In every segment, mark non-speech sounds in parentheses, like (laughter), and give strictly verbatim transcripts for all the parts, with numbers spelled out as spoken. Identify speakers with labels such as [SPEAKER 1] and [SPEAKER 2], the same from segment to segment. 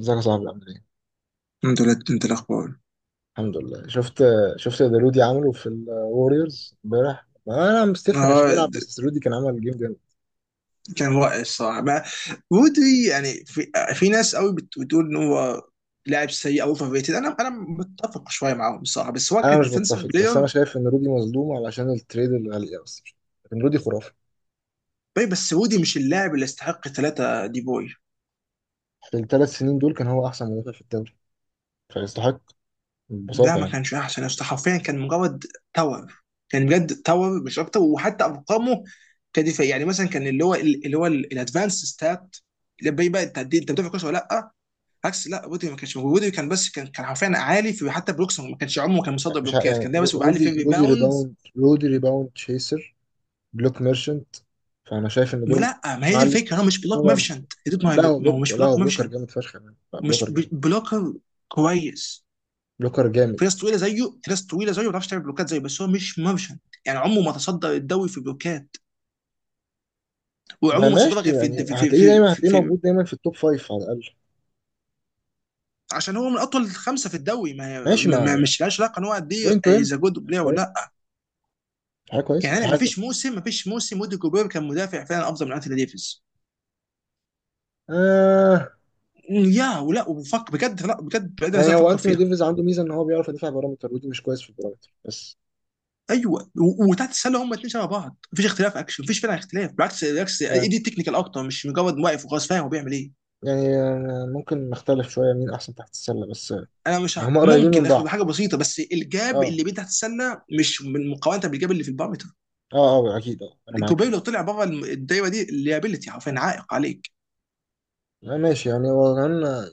[SPEAKER 1] ازيك يا صاحبي؟ عامل ايه؟
[SPEAKER 2] انت لا انت الاخبار؟
[SPEAKER 1] الحمد لله. شفت شفت دلودي عمله في الوريورز امبارح؟ انا مستيف ما كانش
[SPEAKER 2] اه،
[SPEAKER 1] بيلعب، بس رودي كان عمل جيم جامد.
[SPEAKER 2] كان رائع الصراحه ما رودري يعني في, في ناس قوي بت- بتقول ان هو لاعب سيء او اوفر ريتد. انا انا متفق شويه معاهم الصراحه، بس هو
[SPEAKER 1] انا
[SPEAKER 2] كان
[SPEAKER 1] مش
[SPEAKER 2] ديفنسيف
[SPEAKER 1] بتفق، بس انا
[SPEAKER 2] بلاير.
[SPEAKER 1] شايف ان رودي مظلوم علشان التريد الغالية بس، لكن رودي خرافي.
[SPEAKER 2] بس رودي مش اللاعب اللي يستحق ثلاثه دي بوي.
[SPEAKER 1] في الثلاث سنين دول كان هو احسن مدافع في الدوري، فيستحق
[SPEAKER 2] لا،
[SPEAKER 1] ببساطة
[SPEAKER 2] ما
[SPEAKER 1] يعني.
[SPEAKER 2] كانش احسن يسطا. حرفيا كان مجرد تاور. كان بجد تاور مش اكتر، وحتى ارقامه كدفاع، يعني مثلا كان اللي هو اللي هو الادفانس ستات اللي بيبقى انت قد إيه- انت بتدافع كويس ولا لا. عكس، لا ودي ما كانش موجود، ودي كان بس كان كان حرفيا عالي في حتى بلوكس. ما كانش عمره كان مصدر
[SPEAKER 1] مش ه-
[SPEAKER 2] بلوكات،
[SPEAKER 1] يعني
[SPEAKER 2] كان دايما بس
[SPEAKER 1] رو-
[SPEAKER 2] بيبقى عالي في
[SPEAKER 1] رودي رودي
[SPEAKER 2] ريباوندز.
[SPEAKER 1] ريباوند، رودي ريباوند تشيسر، بلوك ميرشنت. فانا شايف ان
[SPEAKER 2] ما
[SPEAKER 1] دول
[SPEAKER 2] لا، ما هي
[SPEAKER 1] مع
[SPEAKER 2] دي الفكره، هو
[SPEAKER 1] الاستي.
[SPEAKER 2] مش بلوك
[SPEAKER 1] هو مش،
[SPEAKER 2] ميرشنت يا دود. ما هو
[SPEAKER 1] لا هو
[SPEAKER 2] ما هو
[SPEAKER 1] بلوك،
[SPEAKER 2] مش
[SPEAKER 1] لا هو
[SPEAKER 2] بلوك
[SPEAKER 1] بلوكر
[SPEAKER 2] ميرشنت.
[SPEAKER 1] جامد فشخ يعني، لا، بلوكر
[SPEAKER 2] مش ب-
[SPEAKER 1] جامد.
[SPEAKER 2] بلوكر كويس.
[SPEAKER 1] بلوكر جامد.
[SPEAKER 2] في ناس طويله زيه، في ناس طويله زيه ما بتعرفش تعمل بلوكات زيه، بس هو مش ميرشنت. يعني عمره ما تصدر الدوري في بلوكات،
[SPEAKER 1] ما
[SPEAKER 2] وعمره ما تصدر
[SPEAKER 1] ماشي،
[SPEAKER 2] غير في
[SPEAKER 1] يعني
[SPEAKER 2] في في
[SPEAKER 1] هتلاقيه
[SPEAKER 2] في,
[SPEAKER 1] دايما،
[SPEAKER 2] في,
[SPEAKER 1] هتلاقيه
[SPEAKER 2] في.
[SPEAKER 1] موجود دايما في التوب فايف على الأقل.
[SPEAKER 2] عشان هو من اطول خمسه في الدوري. ما,
[SPEAKER 1] ماشي
[SPEAKER 2] ما ما-
[SPEAKER 1] مع
[SPEAKER 2] مش لاش علاقه ان هو قد
[SPEAKER 1] بوينت
[SPEAKER 2] ايه از
[SPEAKER 1] ويم.
[SPEAKER 2] جود
[SPEAKER 1] حاجة
[SPEAKER 2] بلاير ولا
[SPEAKER 1] كويس،
[SPEAKER 2] لا.
[SPEAKER 1] حاجة كويس،
[SPEAKER 2] يعني ما
[SPEAKER 1] حاجة.
[SPEAKER 2] فيش موسم ما فيش موسم ودي كوبير كان مدافع فعلا افضل من انثوني ديفيز.
[SPEAKER 1] آه.
[SPEAKER 2] يا ولا وفك بجد. لا بجد بجد لازم
[SPEAKER 1] يعني هو
[SPEAKER 2] افكر
[SPEAKER 1] أنتوني
[SPEAKER 2] فيها.
[SPEAKER 1] ديفيز عنده ميزة إن هو بيعرف يدافع بارامتر، ودي مش كويس في البارامتر بس.
[SPEAKER 2] ايوه و- وتحت السله هم الاثنين شبه بعض. مفيش اختلاف اكشن، مفيش فعلا اختلاف، بالعكس بالعكس، اي
[SPEAKER 1] يعني،
[SPEAKER 2] دي تكنيكال اكتر، مش مجرد واقف وخلاص فاهم هو بيعمل ايه.
[SPEAKER 1] يعني آه، ممكن نختلف شوية مين أحسن تحت السلة، بس آه،
[SPEAKER 2] انا مش
[SPEAKER 1] يعني
[SPEAKER 2] ه-
[SPEAKER 1] هما قريبين من
[SPEAKER 2] ممكن اخد
[SPEAKER 1] بعض.
[SPEAKER 2] حاجه بسيطه، بس الجاب
[SPEAKER 1] أه.
[SPEAKER 2] اللي بين تحت السله مش من مقارنه بالجاب اللي في البارامتر.
[SPEAKER 1] أه. أه أكيد، أه، أنا معاك
[SPEAKER 2] الجوبيه
[SPEAKER 1] في دي.
[SPEAKER 2] لو طلع بره الم- الدايره دي، الليابيلتي حرفيا عائق عليك.
[SPEAKER 1] آه، ماشي، يعني هو كمان آه،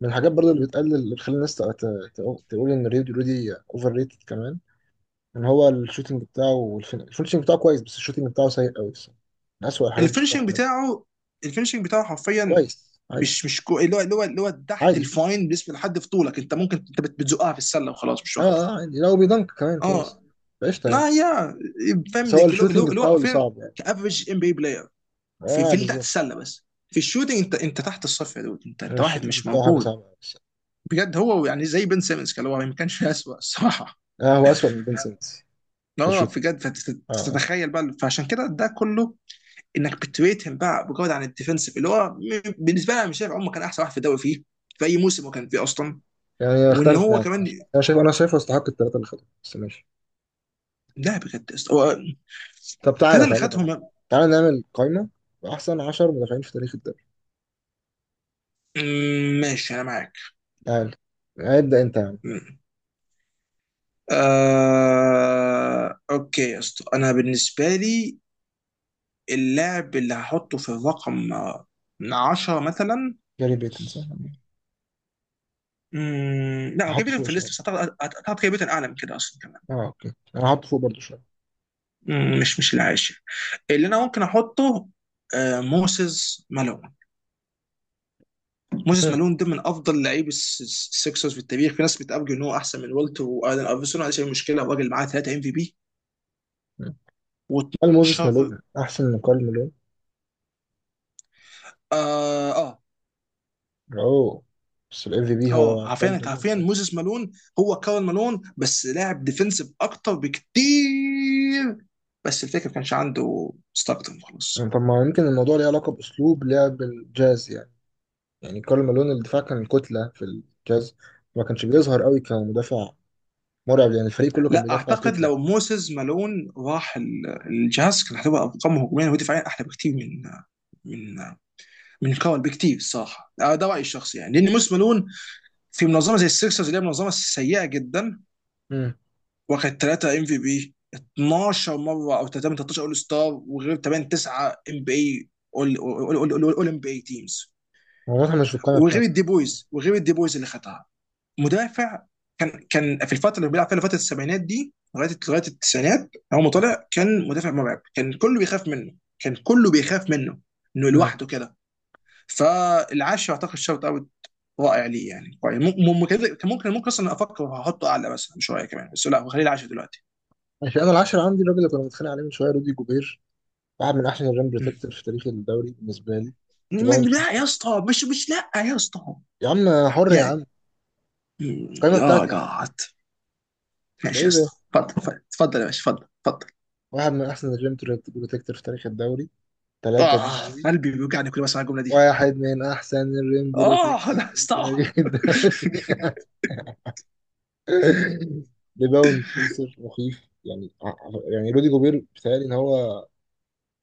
[SPEAKER 1] من الحاجات برضو اللي بتقلل، اللي بتخلي الناس تق- تق- تقول إن رودي، رودي أوفر ريتد كمان، ان هو الشوتينج بتاعه والفين... الفينشنج بتاعه كويس، بس الشوتينج بتاعه سيء قوي الصراحه. من اسوء الحاجات اللي شفتها في
[SPEAKER 2] الفينشنج
[SPEAKER 1] حياتي.
[SPEAKER 2] بتاعه، الفينشنج بتاعه حرفيا
[SPEAKER 1] كويس عادي.
[SPEAKER 2] مش مش كو... اللي هو اللي هو اللي هو تحت
[SPEAKER 1] عادي.
[SPEAKER 2] الفاين. بالنسبه لحد في طولك انت، ممكن انت بت- بتزقها في السله وخلاص مش
[SPEAKER 1] اه
[SPEAKER 2] اكتر.
[SPEAKER 1] اه، عادي، لو بيدنك كمان كويس.
[SPEAKER 2] اه.
[SPEAKER 1] قشطه يعني.
[SPEAKER 2] لا يا،
[SPEAKER 1] بس
[SPEAKER 2] فاهم
[SPEAKER 1] هو
[SPEAKER 2] لك، اللي
[SPEAKER 1] الشوتينج
[SPEAKER 2] هو اللي هو
[SPEAKER 1] بتاعه اللي
[SPEAKER 2] حرفيا
[SPEAKER 1] صعب يعني.
[SPEAKER 2] كافريج ام بي بلاير في
[SPEAKER 1] اه
[SPEAKER 2] في اللي تحت
[SPEAKER 1] بالظبط.
[SPEAKER 2] السله بس. في الشوتنج انت انت تحت الصفر يا دود، انت
[SPEAKER 1] أنا
[SPEAKER 2] انت واحد
[SPEAKER 1] الشوتينج
[SPEAKER 2] مش
[SPEAKER 1] بتاعه حاجه
[SPEAKER 2] موجود.
[SPEAKER 1] صعبه قوي الصراحة.
[SPEAKER 2] بجد هو يعني زي بن سيمنز، كان هو ما كانش اسوء الصراحه.
[SPEAKER 1] اه، هو اسوء من بنسنس في
[SPEAKER 2] اه
[SPEAKER 1] الشوتينج.
[SPEAKER 2] بجد.
[SPEAKER 1] اه آه.
[SPEAKER 2] فتتخيل بقى، فعشان كده ده كله انك بتريتهم بقى بجد. عن الديفنسيف اللي هو م- بالنسبه لي، انا مش شايف عمر كان احسن واحد في الدوري فيه، في اي موسم هو كان فيه اصلا.
[SPEAKER 1] يعني
[SPEAKER 2] وان
[SPEAKER 1] اختلف
[SPEAKER 2] هو
[SPEAKER 1] معاك،
[SPEAKER 2] كمان
[SPEAKER 1] ماشي، انا شايف انا شايفه يستحق الثلاثه اللي خدوهم، بس ماشي.
[SPEAKER 2] لا، بجد هو
[SPEAKER 1] طب،
[SPEAKER 2] التلاته
[SPEAKER 1] تعالى
[SPEAKER 2] اللي
[SPEAKER 1] تعالى تعالى،
[SPEAKER 2] خدهم.
[SPEAKER 1] تعالى نعمل قائمه باحسن عشرة مدافعين في تاريخ الدوري.
[SPEAKER 2] مم، ماشي انا معاك.
[SPEAKER 1] تعالى. ابدا انت يا عم.
[SPEAKER 2] مم. آه، اوكي يا اسطى، انا بالنسبه لي اللاعب اللي هحطه في الرقم آه، من عشرة مثلا،
[SPEAKER 1] جاري بيتنسون.
[SPEAKER 2] مم، لا، هو
[SPEAKER 1] احطه
[SPEAKER 2] كيفن
[SPEAKER 1] فوق
[SPEAKER 2] في الليست
[SPEAKER 1] شويه.
[SPEAKER 2] بس اعتقد اعتقد كيفن اعلى من كده اصلا كمان.
[SPEAKER 1] اه اوكي، انا هحط فوق برضه شويه.
[SPEAKER 2] مم، مش مش العاشر اللي انا ممكن احطه آه، موسيس مالون. موسيس
[SPEAKER 1] مم.
[SPEAKER 2] مالون ده من افضل لعيب السكسرز في التاريخ، في ناس بتأرجو ان هو احسن من والتر والن ايفرسون. ما عنديش اي مشكله، الراجل معاه تلات ام في بي
[SPEAKER 1] مم. كارل، موزيس
[SPEAKER 2] و12.
[SPEAKER 1] مالون احسن من كارل مالون.
[SPEAKER 2] اه آه.
[SPEAKER 1] اوه. بس الاف في بي
[SPEAKER 2] اه،
[SPEAKER 1] هو كارل
[SPEAKER 2] عارفين
[SPEAKER 1] مالون في
[SPEAKER 2] عارفين
[SPEAKER 1] الاخر.
[SPEAKER 2] موزيس مالون، هو كارل مالون بس لاعب ديفنسيف اكتر بكتير. بس الفكره ما كانش عنده ستاكتم
[SPEAKER 1] يعني
[SPEAKER 2] خلاص.
[SPEAKER 1] طب، ما يمكن الموضوع ليه علاقه باسلوب لعب الجاز يعني. يعني كارل مالون الدفاع كان كتله في الجاز، ما كانش بيظهر قوي كمدافع مرعب، لان الفريق كله كان
[SPEAKER 2] لا،
[SPEAKER 1] بيدافع
[SPEAKER 2] اعتقد
[SPEAKER 1] كتله.
[SPEAKER 2] لو موسيس مالون راح ال- الجاز كان هتبقى ارقامه هجوميا ودفاعيا احلى بكتير من من من كارل بكتير الصراحه. ده رايي الشخصي يعني، لان موسيس مالون في منظمه زي السيكسرز، اللي هي منظمه سيئه جدا،
[SPEAKER 1] امم.
[SPEAKER 2] واخد ثلاث ام في بي اتناشر مره، او ثلاثة من تلتاشر اول ستار، وغير تمنية تسعة ام بي اي اول ام بي اي تيمز،
[SPEAKER 1] هو واضح مش في القائمه
[SPEAKER 2] وغير
[SPEAKER 1] بتاعتي.
[SPEAKER 2] الدي بويز، وغير الدي بويز اللي خدها مدافع. كان كان في الفتره اللي بيلعب فيها، فتره السبعينات دي لغايه لغايه التسعينات. اول ما
[SPEAKER 1] مم.
[SPEAKER 2] طلع كان مدافع مرعب، كان كله بيخاف منه، كان كله بيخاف منه انه
[SPEAKER 1] مم.
[SPEAKER 2] لوحده كده. فالعاشر اعتقد شوت اوت رائع، ليه يعني؟ كويس، ممكن ممكن ممكن اصلا افكر هحطه اعلى مثلا شويه كمان، بس لا، خليه العاشر دلوقتي.
[SPEAKER 1] ماشي، انا العاشر عندي الراجل اللي كنا بنتخانق عليه من شويه، رودي جوبير، واحد من احسن الريم بروتكتور في تاريخ الدوري بالنسبه لي. ريباوند
[SPEAKER 2] م- لا يا
[SPEAKER 1] تشيستر.
[SPEAKER 2] اسطى، مش مش لا يا اسطى،
[SPEAKER 1] يا عم حر يا
[SPEAKER 2] يعني.
[SPEAKER 1] عم.
[SPEAKER 2] مم،
[SPEAKER 1] القائمه
[SPEAKER 2] يا
[SPEAKER 1] بتاعتي يا عم.
[SPEAKER 2] جاد،
[SPEAKER 1] ده
[SPEAKER 2] ماشي يا
[SPEAKER 1] ايه ده؟
[SPEAKER 2] اسطى، اتفضل اتفضل اتفضل يا باشا، اتفضل اتفضل.
[SPEAKER 1] واحد من أحسن الريم بروتكتور في تاريخ الدوري، ثلاثة دي
[SPEAKER 2] اه،
[SPEAKER 1] بوي.
[SPEAKER 2] قلبي بيوجعني كل ما اسمع الجمله دي.
[SPEAKER 1] واحد من أحسن الريم
[SPEAKER 2] اه
[SPEAKER 1] بروتكتور
[SPEAKER 2] انا
[SPEAKER 1] في
[SPEAKER 2] استوعب.
[SPEAKER 1] تاريخ الدوري. (laughs) ريباوند كيسر مخيف يعني. يعني رودي جوبير بيتهيألي إن هو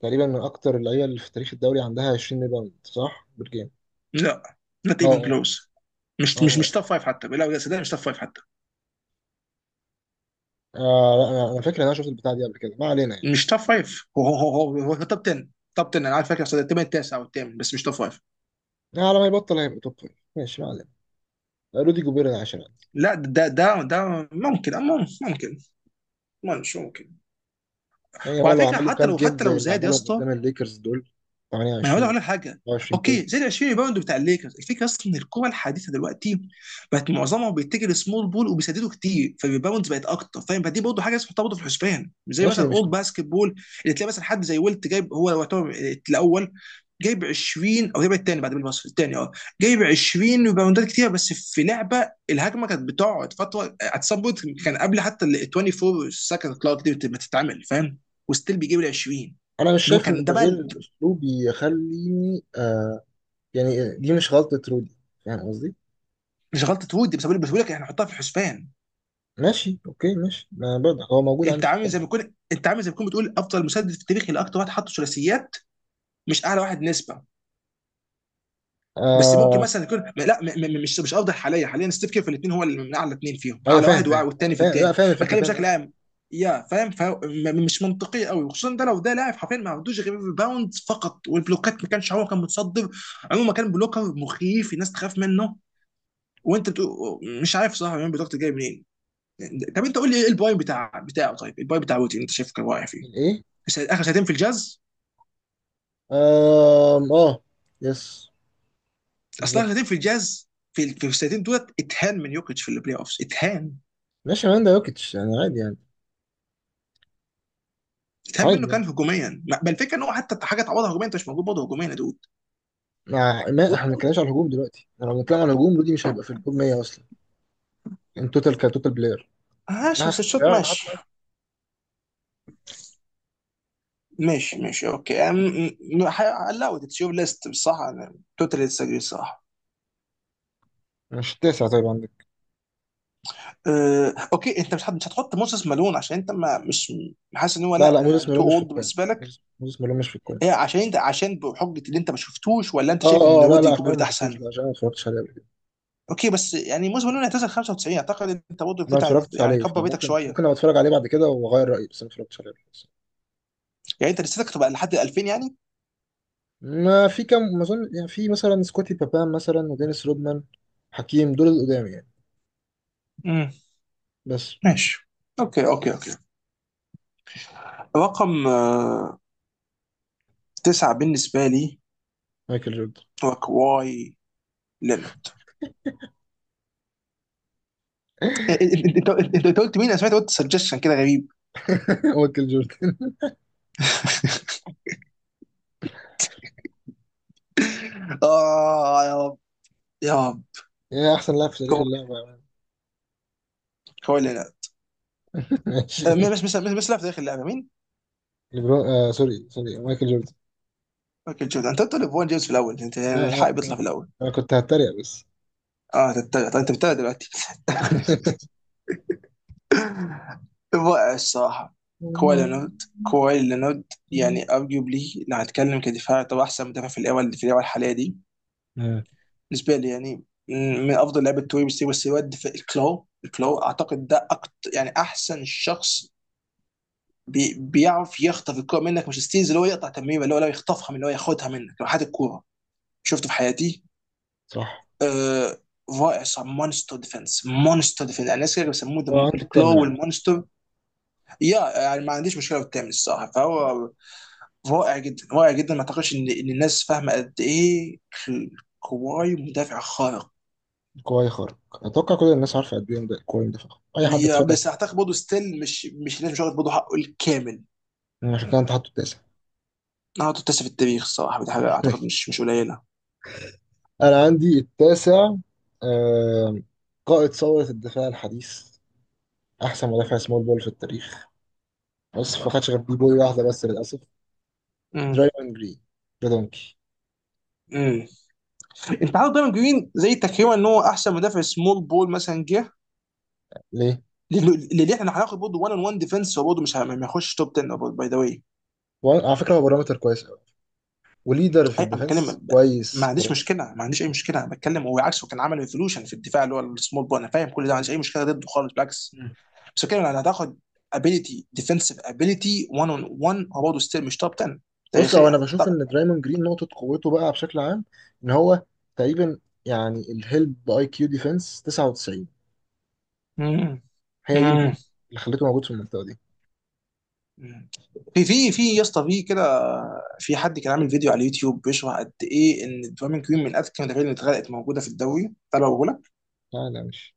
[SPEAKER 1] تقريبا من أكتر اللعيبة اللي في تاريخ الدوري عندها عشرين ريباوند، صح؟ بالجيم.
[SPEAKER 2] لا، not
[SPEAKER 1] اه
[SPEAKER 2] even
[SPEAKER 1] اه.
[SPEAKER 2] close. مش مش
[SPEAKER 1] اه
[SPEAKER 2] مش توب
[SPEAKER 1] اه.
[SPEAKER 2] فايف حتى، لا يا سيدي، مش توب فايف حتى.
[SPEAKER 1] آه، آه، لا، أنا أنا فاكر إن أنا شفت البتاع دي قبل كده، ما علينا يعني.
[SPEAKER 2] مش توب فايف، هو هو هو هو, هو توب عشرة. توب عشرة انا عارف، فاكر اصل الثامن التاسع او الثامن، بس مش توب فايف.
[SPEAKER 1] على ما يبطل هيبقى توب فايف، ماشي، ما علينا. رودي جوبير العاشر.
[SPEAKER 2] لا، ده ده ده ممكن ممكن ممكن مش ممكن.
[SPEAKER 1] يعني هو
[SPEAKER 2] وعلى
[SPEAKER 1] لو
[SPEAKER 2] فكره،
[SPEAKER 1] عملوا
[SPEAKER 2] حتى
[SPEAKER 1] كام
[SPEAKER 2] لو
[SPEAKER 1] جيم
[SPEAKER 2] حتى
[SPEAKER 1] زي
[SPEAKER 2] لو
[SPEAKER 1] اللي
[SPEAKER 2] زاد يا
[SPEAKER 1] عملهم
[SPEAKER 2] اسطى،
[SPEAKER 1] قدام الليكرز دول،
[SPEAKER 2] ما انا عاوز
[SPEAKER 1] تمانية وعشرين،
[SPEAKER 2] اقول لك حاجه.
[SPEAKER 1] اربعة وعشرين بوينت.
[SPEAKER 2] اوكي، زي ال عشرين ريباوند بتاع الليكرز. الفكره اصلا ان الكره الحديثه دلوقتي بقت معظمها بيتجه لسمول بول، وبيسددوا كتير، فالريباوندز بقت اكتر فاهم. فدي برضه حاجه لازم تحطها برضه في الحسبان، مش زي
[SPEAKER 1] ماشي،
[SPEAKER 2] مثلا
[SPEAKER 1] دي مش،
[SPEAKER 2] اولد باسكت بول اللي تلاقي مثلا حد زي ويلت جايب، هو لو يعتبر الاول جايب عشرين او جايب الثاني، بعد بالمصري الثاني اه، جايب عشرين ريباوندات كتير، بس في لعبه الهجمه كانت بتقعد فتره، اتسبوت كان قبل حتى ال اربعة وعشرين سكند كلوك دي ما تتعمل فاهم، وستيل بيجيب ال عشرين.
[SPEAKER 1] انا مش
[SPEAKER 2] ان هو
[SPEAKER 1] شايف ان
[SPEAKER 2] كان ده
[SPEAKER 1] تغيير
[SPEAKER 2] بقى
[SPEAKER 1] الاسلوب يخليني آه. يعني دي مش غلطة رودي، فاهم قصدي.
[SPEAKER 2] مش غلطه وودي، بس بقول، بس بقول لك احنا نحطها في الحسبان.
[SPEAKER 1] ماشي اوكي، ماشي، ما برضه هو موجود عندي
[SPEAKER 2] انت
[SPEAKER 1] في
[SPEAKER 2] عامل
[SPEAKER 1] القائمة.
[SPEAKER 2] زي ما يكون، انت عامل زي ما يكون بتقول افضل مسدد في التاريخ اللي اكتر واحد حط ثلاثيات، مش اعلى واحد نسبه. بس ممكن
[SPEAKER 1] آه،
[SPEAKER 2] مثلا يكون لا م- م- مش مش افضل حاليا. حاليا ستيف كير في الاثنين، هو اللي من اعلى اثنين فيهم،
[SPEAKER 1] ايوه،
[SPEAKER 2] اعلى
[SPEAKER 1] فاهم،
[SPEAKER 2] واحد وأع-
[SPEAKER 1] فاهم.
[SPEAKER 2] والثاني في
[SPEAKER 1] فاهم، لا
[SPEAKER 2] الثاني،
[SPEAKER 1] فاهم الفكرة،
[SPEAKER 2] بتكلم
[SPEAKER 1] فاهم
[SPEAKER 2] بشكل
[SPEAKER 1] قصدي.
[SPEAKER 2] عام. يا فاهم، ف- م- مش منطقي قوي خصوصا ده، لو ده لاعب حرفيا ما عندوش غير الباوند فقط، والبلوكات ما كانش هو كان متصدر عموما. كان بلوكر مخيف، الناس تخاف منه، وانت بتقول مش عارف صح مين بلوكات جاي منين. طب انت قول لي ايه الباي بتاع بتاعه، طيب الباي بتاع ويتي انت شايف كان واقع فيه
[SPEAKER 1] الايه؟
[SPEAKER 2] بس اخر سنتين في الجاز.
[SPEAKER 1] آه اه. يس.
[SPEAKER 2] اصل اخر
[SPEAKER 1] بالظبط.
[SPEAKER 2] سنتين في الجاز، في ال- في السنتين دولت اتهان من يوكيتش في البلاي اوفس. اتهان
[SPEAKER 1] ماشي مان، ده يوكيتش يعني، عادي يعني.
[SPEAKER 2] اتهان
[SPEAKER 1] عادي
[SPEAKER 2] منه،
[SPEAKER 1] يعني،
[SPEAKER 2] كان هجوميا ما- بل الفكره ان هو حتى حاجه تعوضها هجوميا انت مش موجود برضه هجوميا يا دود.
[SPEAKER 1] مع ما احنا ما بنتكلمش على الهجوم دلوقتي. احنا لو بنتكلم على الهجوم رودي مش هيبقى في التوب ميه اصلا، ان توتال كتوتال بلاير.
[SPEAKER 2] ماشي
[SPEAKER 1] لا، في
[SPEAKER 2] بس الشوت.
[SPEAKER 1] الدفاع انا حاطه.
[SPEAKER 2] ماشي ماشي ماشي اوكي. الاود اتس يور ليست بصراحه، انا توتالي ديسجري الصراحه.
[SPEAKER 1] مش التاسع طيب عندك؟
[SPEAKER 2] أه، اوكي، انت مش هت- مش هتحط موسيس مالون عشان انت ما مش حاسس ان هو
[SPEAKER 1] لا
[SPEAKER 2] لا،
[SPEAKER 1] لا، موزيس
[SPEAKER 2] يعني تو
[SPEAKER 1] ميلون مش في
[SPEAKER 2] اولد
[SPEAKER 1] القائمه.
[SPEAKER 2] بالنسبه لك.
[SPEAKER 1] موزيس موزيس ميلون مش في
[SPEAKER 2] هي
[SPEAKER 1] القائمه.
[SPEAKER 2] عشان انت عشان بحجه اللي انت ما شفتوش، ولا انت
[SPEAKER 1] اه
[SPEAKER 2] شايف
[SPEAKER 1] اه
[SPEAKER 2] ان
[SPEAKER 1] آه، لا
[SPEAKER 2] ودي
[SPEAKER 1] لا، عشان انا
[SPEAKER 2] جوبيرت
[SPEAKER 1] ما شفتوش،
[SPEAKER 2] احسن؟
[SPEAKER 1] لا عشان انا ما اتفرجتش عليه قبل كده.
[SPEAKER 2] اوكي، بس يعني موسم نونو اعتزل خمسة وتسعين اعتقد، ان انت برضه
[SPEAKER 1] انا ما
[SPEAKER 2] فوت.
[SPEAKER 1] اتفرجتش
[SPEAKER 2] يعني
[SPEAKER 1] عليه،
[SPEAKER 2] كبر بيتك
[SPEAKER 1] فممكن،
[SPEAKER 2] شويه،
[SPEAKER 1] ممكن ابقى اتفرج عليه بعد كده واغير رايي، بس انا ما اتفرجتش عليه قبل كده.
[SPEAKER 2] يعني انت لسيتك تبقى لحد الفين يعني.
[SPEAKER 1] ما في كام ما اظن يعني، في مثلا سكوتي بابان مثلا، ودينيس رودمان، حكيم، دول القدام يعني.
[SPEAKER 2] امم،
[SPEAKER 1] بس.
[SPEAKER 2] ماشي. اوكي اوكي اوكي رقم آه، تسعة بالنسبه لي،
[SPEAKER 1] مايكل جوردن.
[SPEAKER 2] هو كواي لينارد. إيه، إيه، إيه، انت انت انت قلت مين؟ انا سمعت قلت سجشن كده غريب.
[SPEAKER 1] (laughs) مايكل جوردن
[SPEAKER 2] (laughs) اه يا رب، يا رب.
[SPEAKER 1] يا احسن لاعب في تاريخ
[SPEAKER 2] كواي
[SPEAKER 1] اللعبه يا مان.
[SPEAKER 2] كواي لينارد.
[SPEAKER 1] ماشي.
[SPEAKER 2] آه، مين؟ بس بس بس بس لا، في تاريخ اللعبه مين؟
[SPEAKER 1] ليبرون، آه سوري سوري، مايكل جوردن.
[SPEAKER 2] مايكل جوردن. انت قلت ليبرون جيمس في الاول انت،
[SPEAKER 1] لا
[SPEAKER 2] يعني
[SPEAKER 1] لا
[SPEAKER 2] الحق بيطلع
[SPEAKER 1] لا،
[SPEAKER 2] في الاول.
[SPEAKER 1] انا كنت هتريق بس.
[SPEAKER 2] اه، تتابع. طيب انت بتتابع دلوقتي؟ (laughs) رائع الصراحه. كواي لينارد، كواي لينارد. يعني
[SPEAKER 1] (laughs)
[SPEAKER 2] ارجيوبلي لو هنتكلم كدفاع، طبعا احسن مدافع في الاول، في الاول الحاليه دي،
[SPEAKER 1] آه.
[SPEAKER 2] بالنسبه لي يعني، من من افضل لعيبه توي. بس بس يود في الكلو، الكلو اعتقد ده أكتر يعني احسن شخص بي بيعرف يخطف الكوره منك، مش ستيلز، اللي هو يقطع تمريره، اللي هو لو يخطفها، من اللي هو ياخدها منك، لو حد الكوره شفته في حياتي.
[SPEAKER 1] صح.
[SPEAKER 2] آه، رائع. صار مونستر ديفنس، مونستر ديفنس الناس كده بيسموه،
[SPEAKER 1] هو عندي التامن
[SPEAKER 2] الكلو
[SPEAKER 1] عام.
[SPEAKER 2] والمونستر. يا يعني ما عنديش مشكله بالتامن الصراحه، فهو رائع جدا، رائع جدا. ما اعتقدش ان ان الناس فاهمه قد ايه كواي مدافع خارق.
[SPEAKER 1] الكواي خارق، اتوقع كل الناس عارفه قد ايه ده الكواي، ده فخم، اي حد
[SPEAKER 2] يا،
[SPEAKER 1] اتفرج.
[SPEAKER 2] بس اعتقد برضه ستيل مش مش الناس مش واخد برضه حقه الكامل.
[SPEAKER 1] يعني عشان كده انت حاطه التاسع.
[SPEAKER 2] نهارده التاسع في التاريخ الصراحه، ودي حاجه اعتقد
[SPEAKER 1] (laughs)
[SPEAKER 2] مش مش قليله.
[SPEAKER 1] انا عندي التاسع آه... قائد ثوره الدفاع الحديث، احسن مدافع سمول بول في التاريخ، بس ما خدش غير دي بوي واحده بس للاسف.
[SPEAKER 2] امم
[SPEAKER 1] درايفن جرين. ريدونكي.
[SPEAKER 2] امم انت عارف، دايما جرين زي تكريما ان هو احسن مدافع سمول بول مثلا جه.
[SPEAKER 1] ليه؟
[SPEAKER 2] لأنه- اللي احنا هناخد برضه واحد اون واحد ديفنس، هو برضه مش ه- ما يخش توب عشرة باي ذا واي.
[SPEAKER 1] وعلى فكره هو بارامتر كويس قوي، وليدر في
[SPEAKER 2] اي انا بتكلم
[SPEAKER 1] الديفense
[SPEAKER 2] ب-
[SPEAKER 1] كويس
[SPEAKER 2] ما عنديش
[SPEAKER 1] خرافي.
[SPEAKER 2] مشكله، ما عنديش اي مشكله انا بتكلم. هو عكسه كان عمل ريفولوشن في الدفاع اللي هو السمول بول، انا فاهم كل ده، ما عنديش اي مشكله ضده خالص بالعكس.
[SPEAKER 1] مم.
[SPEAKER 2] بس بتكلم انا هتاخد ابيليتي، ديفنسيف ابيليتي واحد اون واحد، هو برضه ستيل مش توب عشرة
[SPEAKER 1] بص، هو انا
[SPEAKER 2] تاريخيا
[SPEAKER 1] بشوف
[SPEAKER 2] اعتقد.
[SPEAKER 1] ان درايموند جرين نقطه قوته، بقى بشكل عام ان هو تقريبا، يعني الهيلب اي كيو ديفense تسعة وتسعين،
[SPEAKER 2] امم
[SPEAKER 1] هي دي
[SPEAKER 2] امم
[SPEAKER 1] البوينت اللي خليته موجود في المنطقه دي.
[SPEAKER 2] مم. في في في يا اسطى في كده، في حد كان عامل فيديو على اليوتيوب بيشرح قد ايه ان الدوامين كريم من اذكى المدافعين اللي اتغلقت موجوده في الدوري. تعالى.
[SPEAKER 1] لا لا مش